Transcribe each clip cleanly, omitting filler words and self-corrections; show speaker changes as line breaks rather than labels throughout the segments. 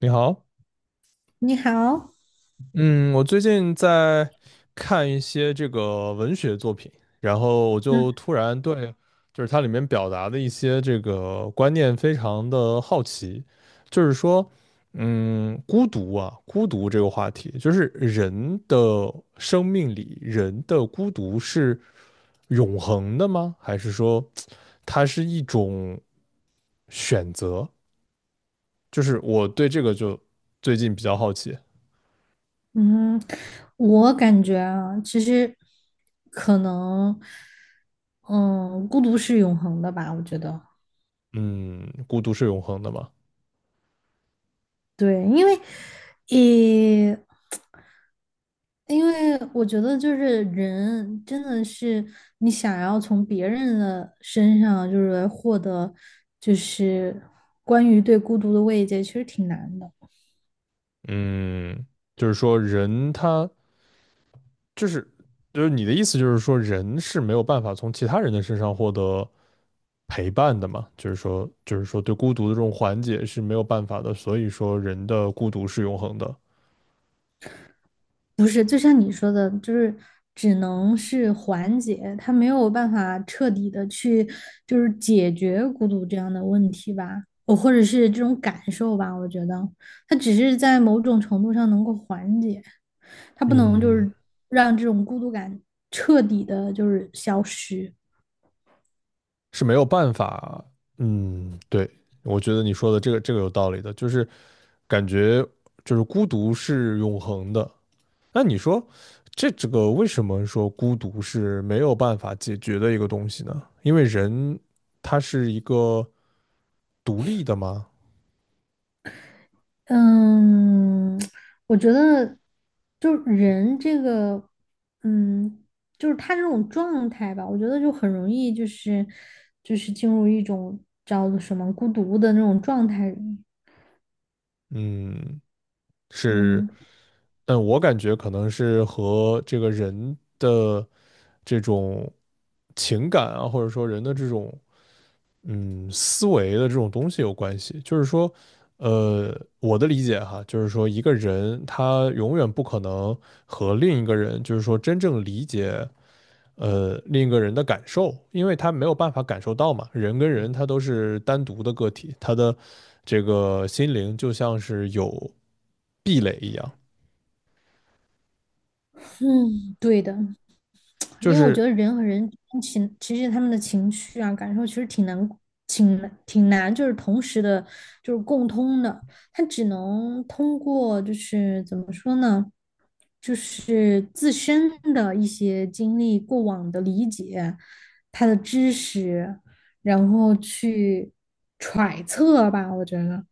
你好。
你好。
嗯，我最近在看一些这个文学作品，然后我就
嗯
突然对就是它里面表达的一些这个观念非常的好奇。就是说，孤独啊，孤独这个话题，就是人的生命里，人的孤独是永恒的吗？还是说它是一种选择？就是我对这个就最近比较好奇。
嗯，我感觉啊，其实可能，嗯，孤独是永恒的吧，我觉得。
嗯，孤独是永恒的吗？
对，因为，也，因为我觉得就是人真的是你想要从别人的身上就是获得，就是关于对孤独的慰藉，其实挺难的。
嗯，就是说人他就是就是你的意思就是说人是没有办法从其他人的身上获得陪伴的嘛？就是说对孤独的这种缓解是没有办法的，所以说人的孤独是永恒的。
不是，就像你说的，就是只能是缓解，他没有办法彻底的去就是解决孤独这样的问题吧，哦，或者是这种感受吧。我觉得他只是在某种程度上能够缓解，他不能
嗯，
让这种孤独感彻底的消失。
是没有办法。嗯，对，我觉得你说的这个有道理的，就是感觉就是孤独是永恒的。那你说这个为什么说孤独是没有办法解决的一个东西呢？因为人他是一个独立的嘛。
嗯，我觉得就是人这个，嗯，就是他这种状态吧，我觉得就很容易就是进入一种叫做什么孤独的那种状态里。
嗯，是。
嗯，
嗯，我感觉可能是和这个人的这种情感啊，或者说人的这种思维的这种东西有关系。就是说，呃，我的理解哈，就是说一个人他永远不可能和另一个人，就是说真正理解。另一个人的感受，因为他没有办法感受到嘛，人跟人他都是单独的个体，他的这个心灵就像是有壁垒一样。
嗯，对的。
就
因为我觉
是
得人和人情，其实他们的情绪啊、感受其实挺难挺难,就是同时的，就是共通的。他只能通过就是怎么说呢，就是自身的一些经历、过往的理解、他的知识，然后去揣测吧，我觉得。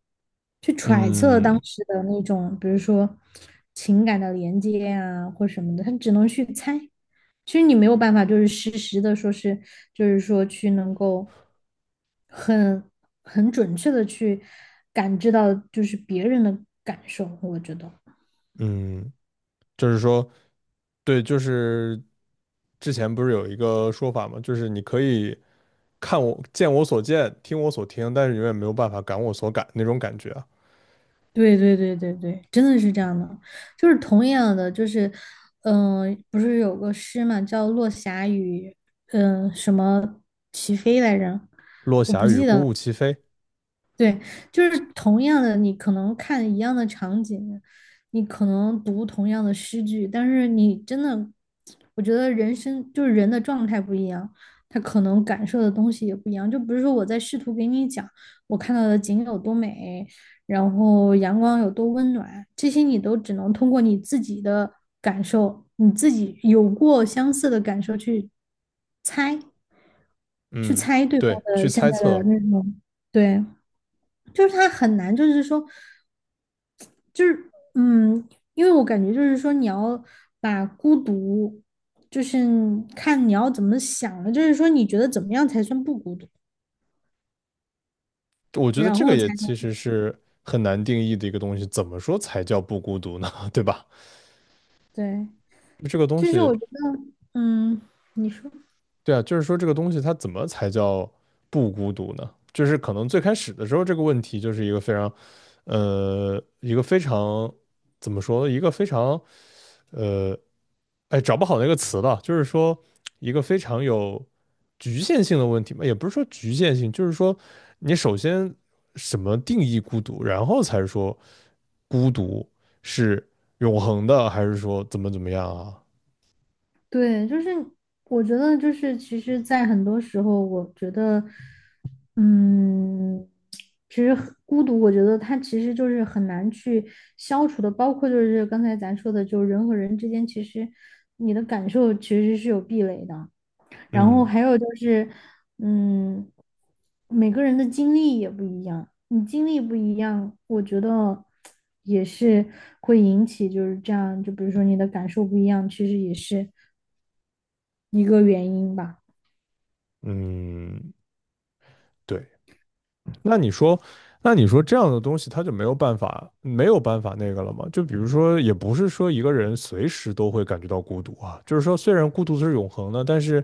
去揣测
嗯
当时的那种，比如说情感的连接啊，或什么的，他只能去猜。其实你没有办法，就是实时的说是，就是说去能够很很准确的去感知到，就是别人的感受。我觉得，
嗯，就是说，对，就是之前不是有一个说法嘛，就是你可以看我见我所见，听我所听，但是永远没有办法感我所感那种感觉啊。
对，真的是这样的。就是同样的，就是不是有个诗嘛，叫《落霞与什么齐飞来着？
落
我
霞
不
与
记
孤
得了。
鹜齐飞。
对，就是同样的，你可能看一样的场景，你可能读同样的诗句，但是你真的，我觉得人生就是人的状态不一样，他可能感受的东西也不一样。就不是说我在试图给你讲我看到的景有多美，然后阳光有多温暖，这些你都只能通过你自己的感受，你自己有过相似的感受去猜，去
嗯，
猜对方
对，
的
去
现
猜
在的
测。
那种。对。就是他很难，就是说，就是嗯，因为我感觉就是说，你要把孤独，就是看你要怎么想了，就是说你觉得怎么样才算不孤独，
我觉得
然
这个
后才
也其
能
实是很难定义的一个东西，怎么说才叫不孤独呢？对吧？
对。
这个东
就是
西，
我觉得，嗯，你说。
对啊，就是说这个东西它怎么才叫不孤独呢？就是可能最开始的时候这个问题就是一个非常，一个非常怎么说，一个非常，呃，哎，找不好那个词了。就是说一个非常有局限性的问题嘛，也不是说局限性，就是说你首先什么定义孤独，然后才说孤独是永恒的，还是说怎么怎么样啊？
对，就是我觉得就是其实，在很多时候，我觉得，嗯，其实很孤独，我觉得它其实就是很难去消除的，包括就是刚才咱说的，就是人和人之间，其实你的感受其实是有壁垒的。然后
嗯。
还有就是，嗯，每个人的经历也不一样，你经历不一样，我觉得也是会引起就是这样，就比如说你的感受不一样，其实也是。一个原因吧。
嗯，对。那你说，那你说这样的东西，他就没有办法，没有办法那个了吗？就比如说，也不是说一个人随时都会感觉到孤独啊，就是说，虽然孤独是永恒的，但是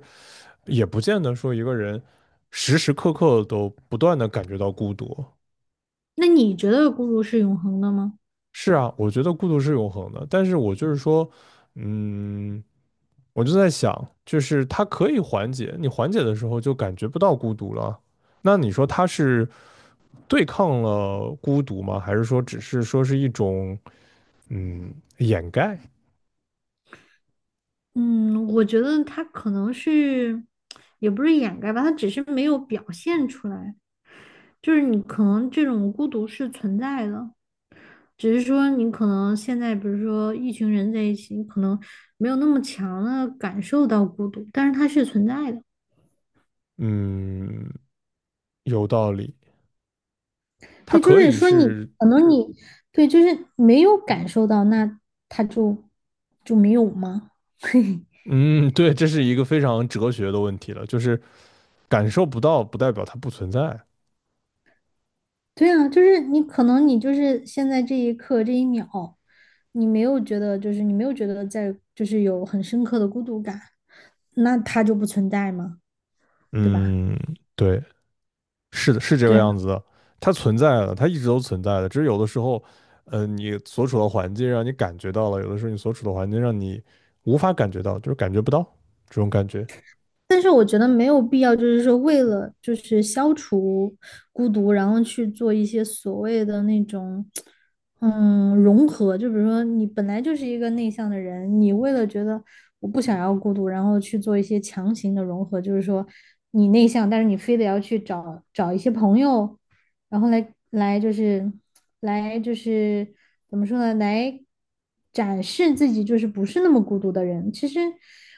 也不见得说一个人时时刻刻都不断的感觉到孤独。
那你觉得孤独是永恒的吗？
是啊，我觉得孤独是永恒的，但是我就是说，嗯，我就在想，就是它可以缓解，你缓解的时候就感觉不到孤独了。那你说它是？对抗了孤独吗？还是说只是说是一种掩盖？
嗯，我觉得它可能是，也不是掩盖吧，它只是没有表现出来。就是你可能这种孤独是存在的，只是说你可能现在，比如说一群人在一起，你可能没有那么强的感受到孤独，但是它是存在的。
嗯，有道理。它
对，就
可
是
以
说你
是
可能你对，就是没有感受到，那它就就没有吗？
嗯，对，这是一个非常哲学的问题了，就是感受不到不代表它不存在。
对啊，就是你可能你就是现在这一刻这一秒，你没有觉得就是你没有觉得在就是有很深刻的孤独感，那它就不存在嘛，对吧？
嗯，对，是的，是这
对
个样
啊。
子的。它存在了，它一直都存在的，只是有的时候，你所处的环境让你感觉到了，有的时候你所处的环境让你无法感觉到，就是感觉不到这种感觉。
但是我觉得没有必要，就是说为了就是消除孤独，然后去做一些所谓的那种，融合。就比如说你本来就是一个内向的人，你为了觉得我不想要孤独，然后去做一些强行的融合，就是说你内向，但是你非得要去找一些朋友，然后来来就是来就是怎么说呢？来展示自己就是不是那么孤独的人。其实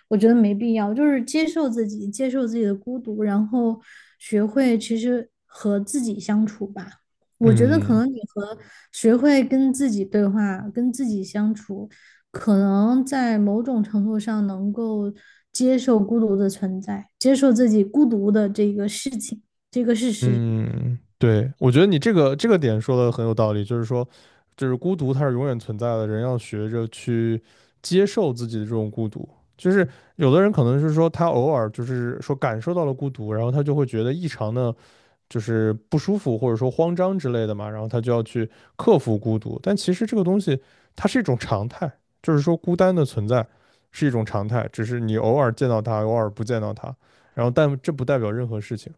我觉得没必要，就是接受自己，接受自己的孤独，然后学会其实和自己相处吧。我觉得可
嗯。
能学会跟自己对话、跟自己相处，可能在某种程度上能够接受孤独的存在，接受自己孤独的这个事情，这个事实。
嗯，对，我觉得你这个点说的很有道理，就是说，就是孤独它是永远存在的，人要学着去接受自己的这种孤独。就是有的人可能是说他偶尔就是说感受到了孤独，然后他就会觉得异常的，就是不舒服或者说慌张之类的嘛，然后他就要去克服孤独。但其实这个东西它是一种常态，就是说孤单的存在是一种常态，只是你偶尔见到他，偶尔不见到他，然后但这不代表任何事情。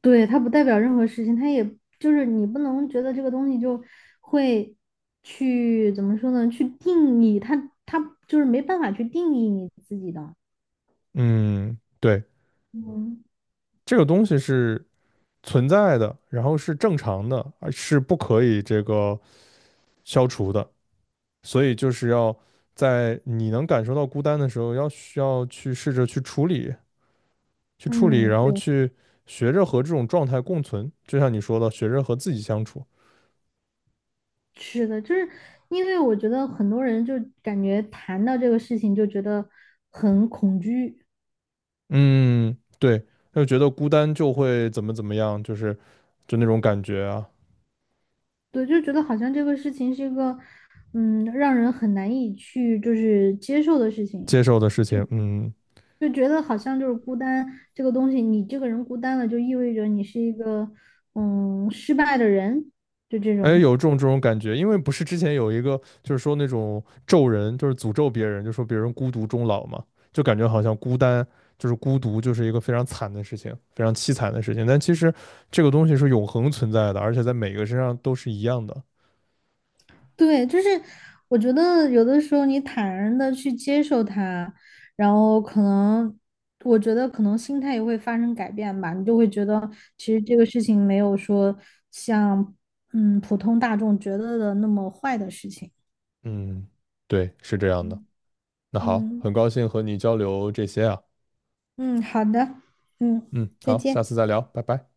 对，它不代表任何事情，它也你不能觉得这个东西就会去怎么说呢？去定义它，它就是没办法去定义你自己的。
嗯，对。
嗯
这个东西是存在的，然后是正常的，而是不可以这个消除的。所以就是要在你能感受到孤单的时候，要需要去试着去处理，去处理，
嗯,
然
对，
后去学着和这种状态共存。就像你说的，学着和自己相处。
是的。就是因为我觉得很多人就感觉谈到这个事情就觉得很恐惧。
嗯，对，就觉得孤单就会怎么怎么样，就是就那种感觉啊。
对，就觉得好像这个事情是一个让人很难以去就是接受的事情。
接受的事情，嗯。
就觉得好像就是孤单这个东西，你这个人孤单了，就意味着你是一个失败的人，就这
哎，
种。
有这种这种感觉，因为不是之前有一个就是说那种咒人，就是诅咒别人，就说别人孤独终老嘛，就感觉好像孤单就是孤独就是一个非常惨的事情，非常凄惨的事情。但其实这个东西是永恒存在的，而且在每个身上都是一样的。
对，就是我觉得有的时候你坦然的去接受它，然后可能我觉得可能心态也会发生改变吧，你就会觉得其实这个事情没有说像普通大众觉得的那么坏的事情。
嗯，对，是这样的。那好，
嗯
很高兴和你交流这些啊。
嗯,好的，嗯，
嗯，
再
好，
见。
下次再聊，拜拜。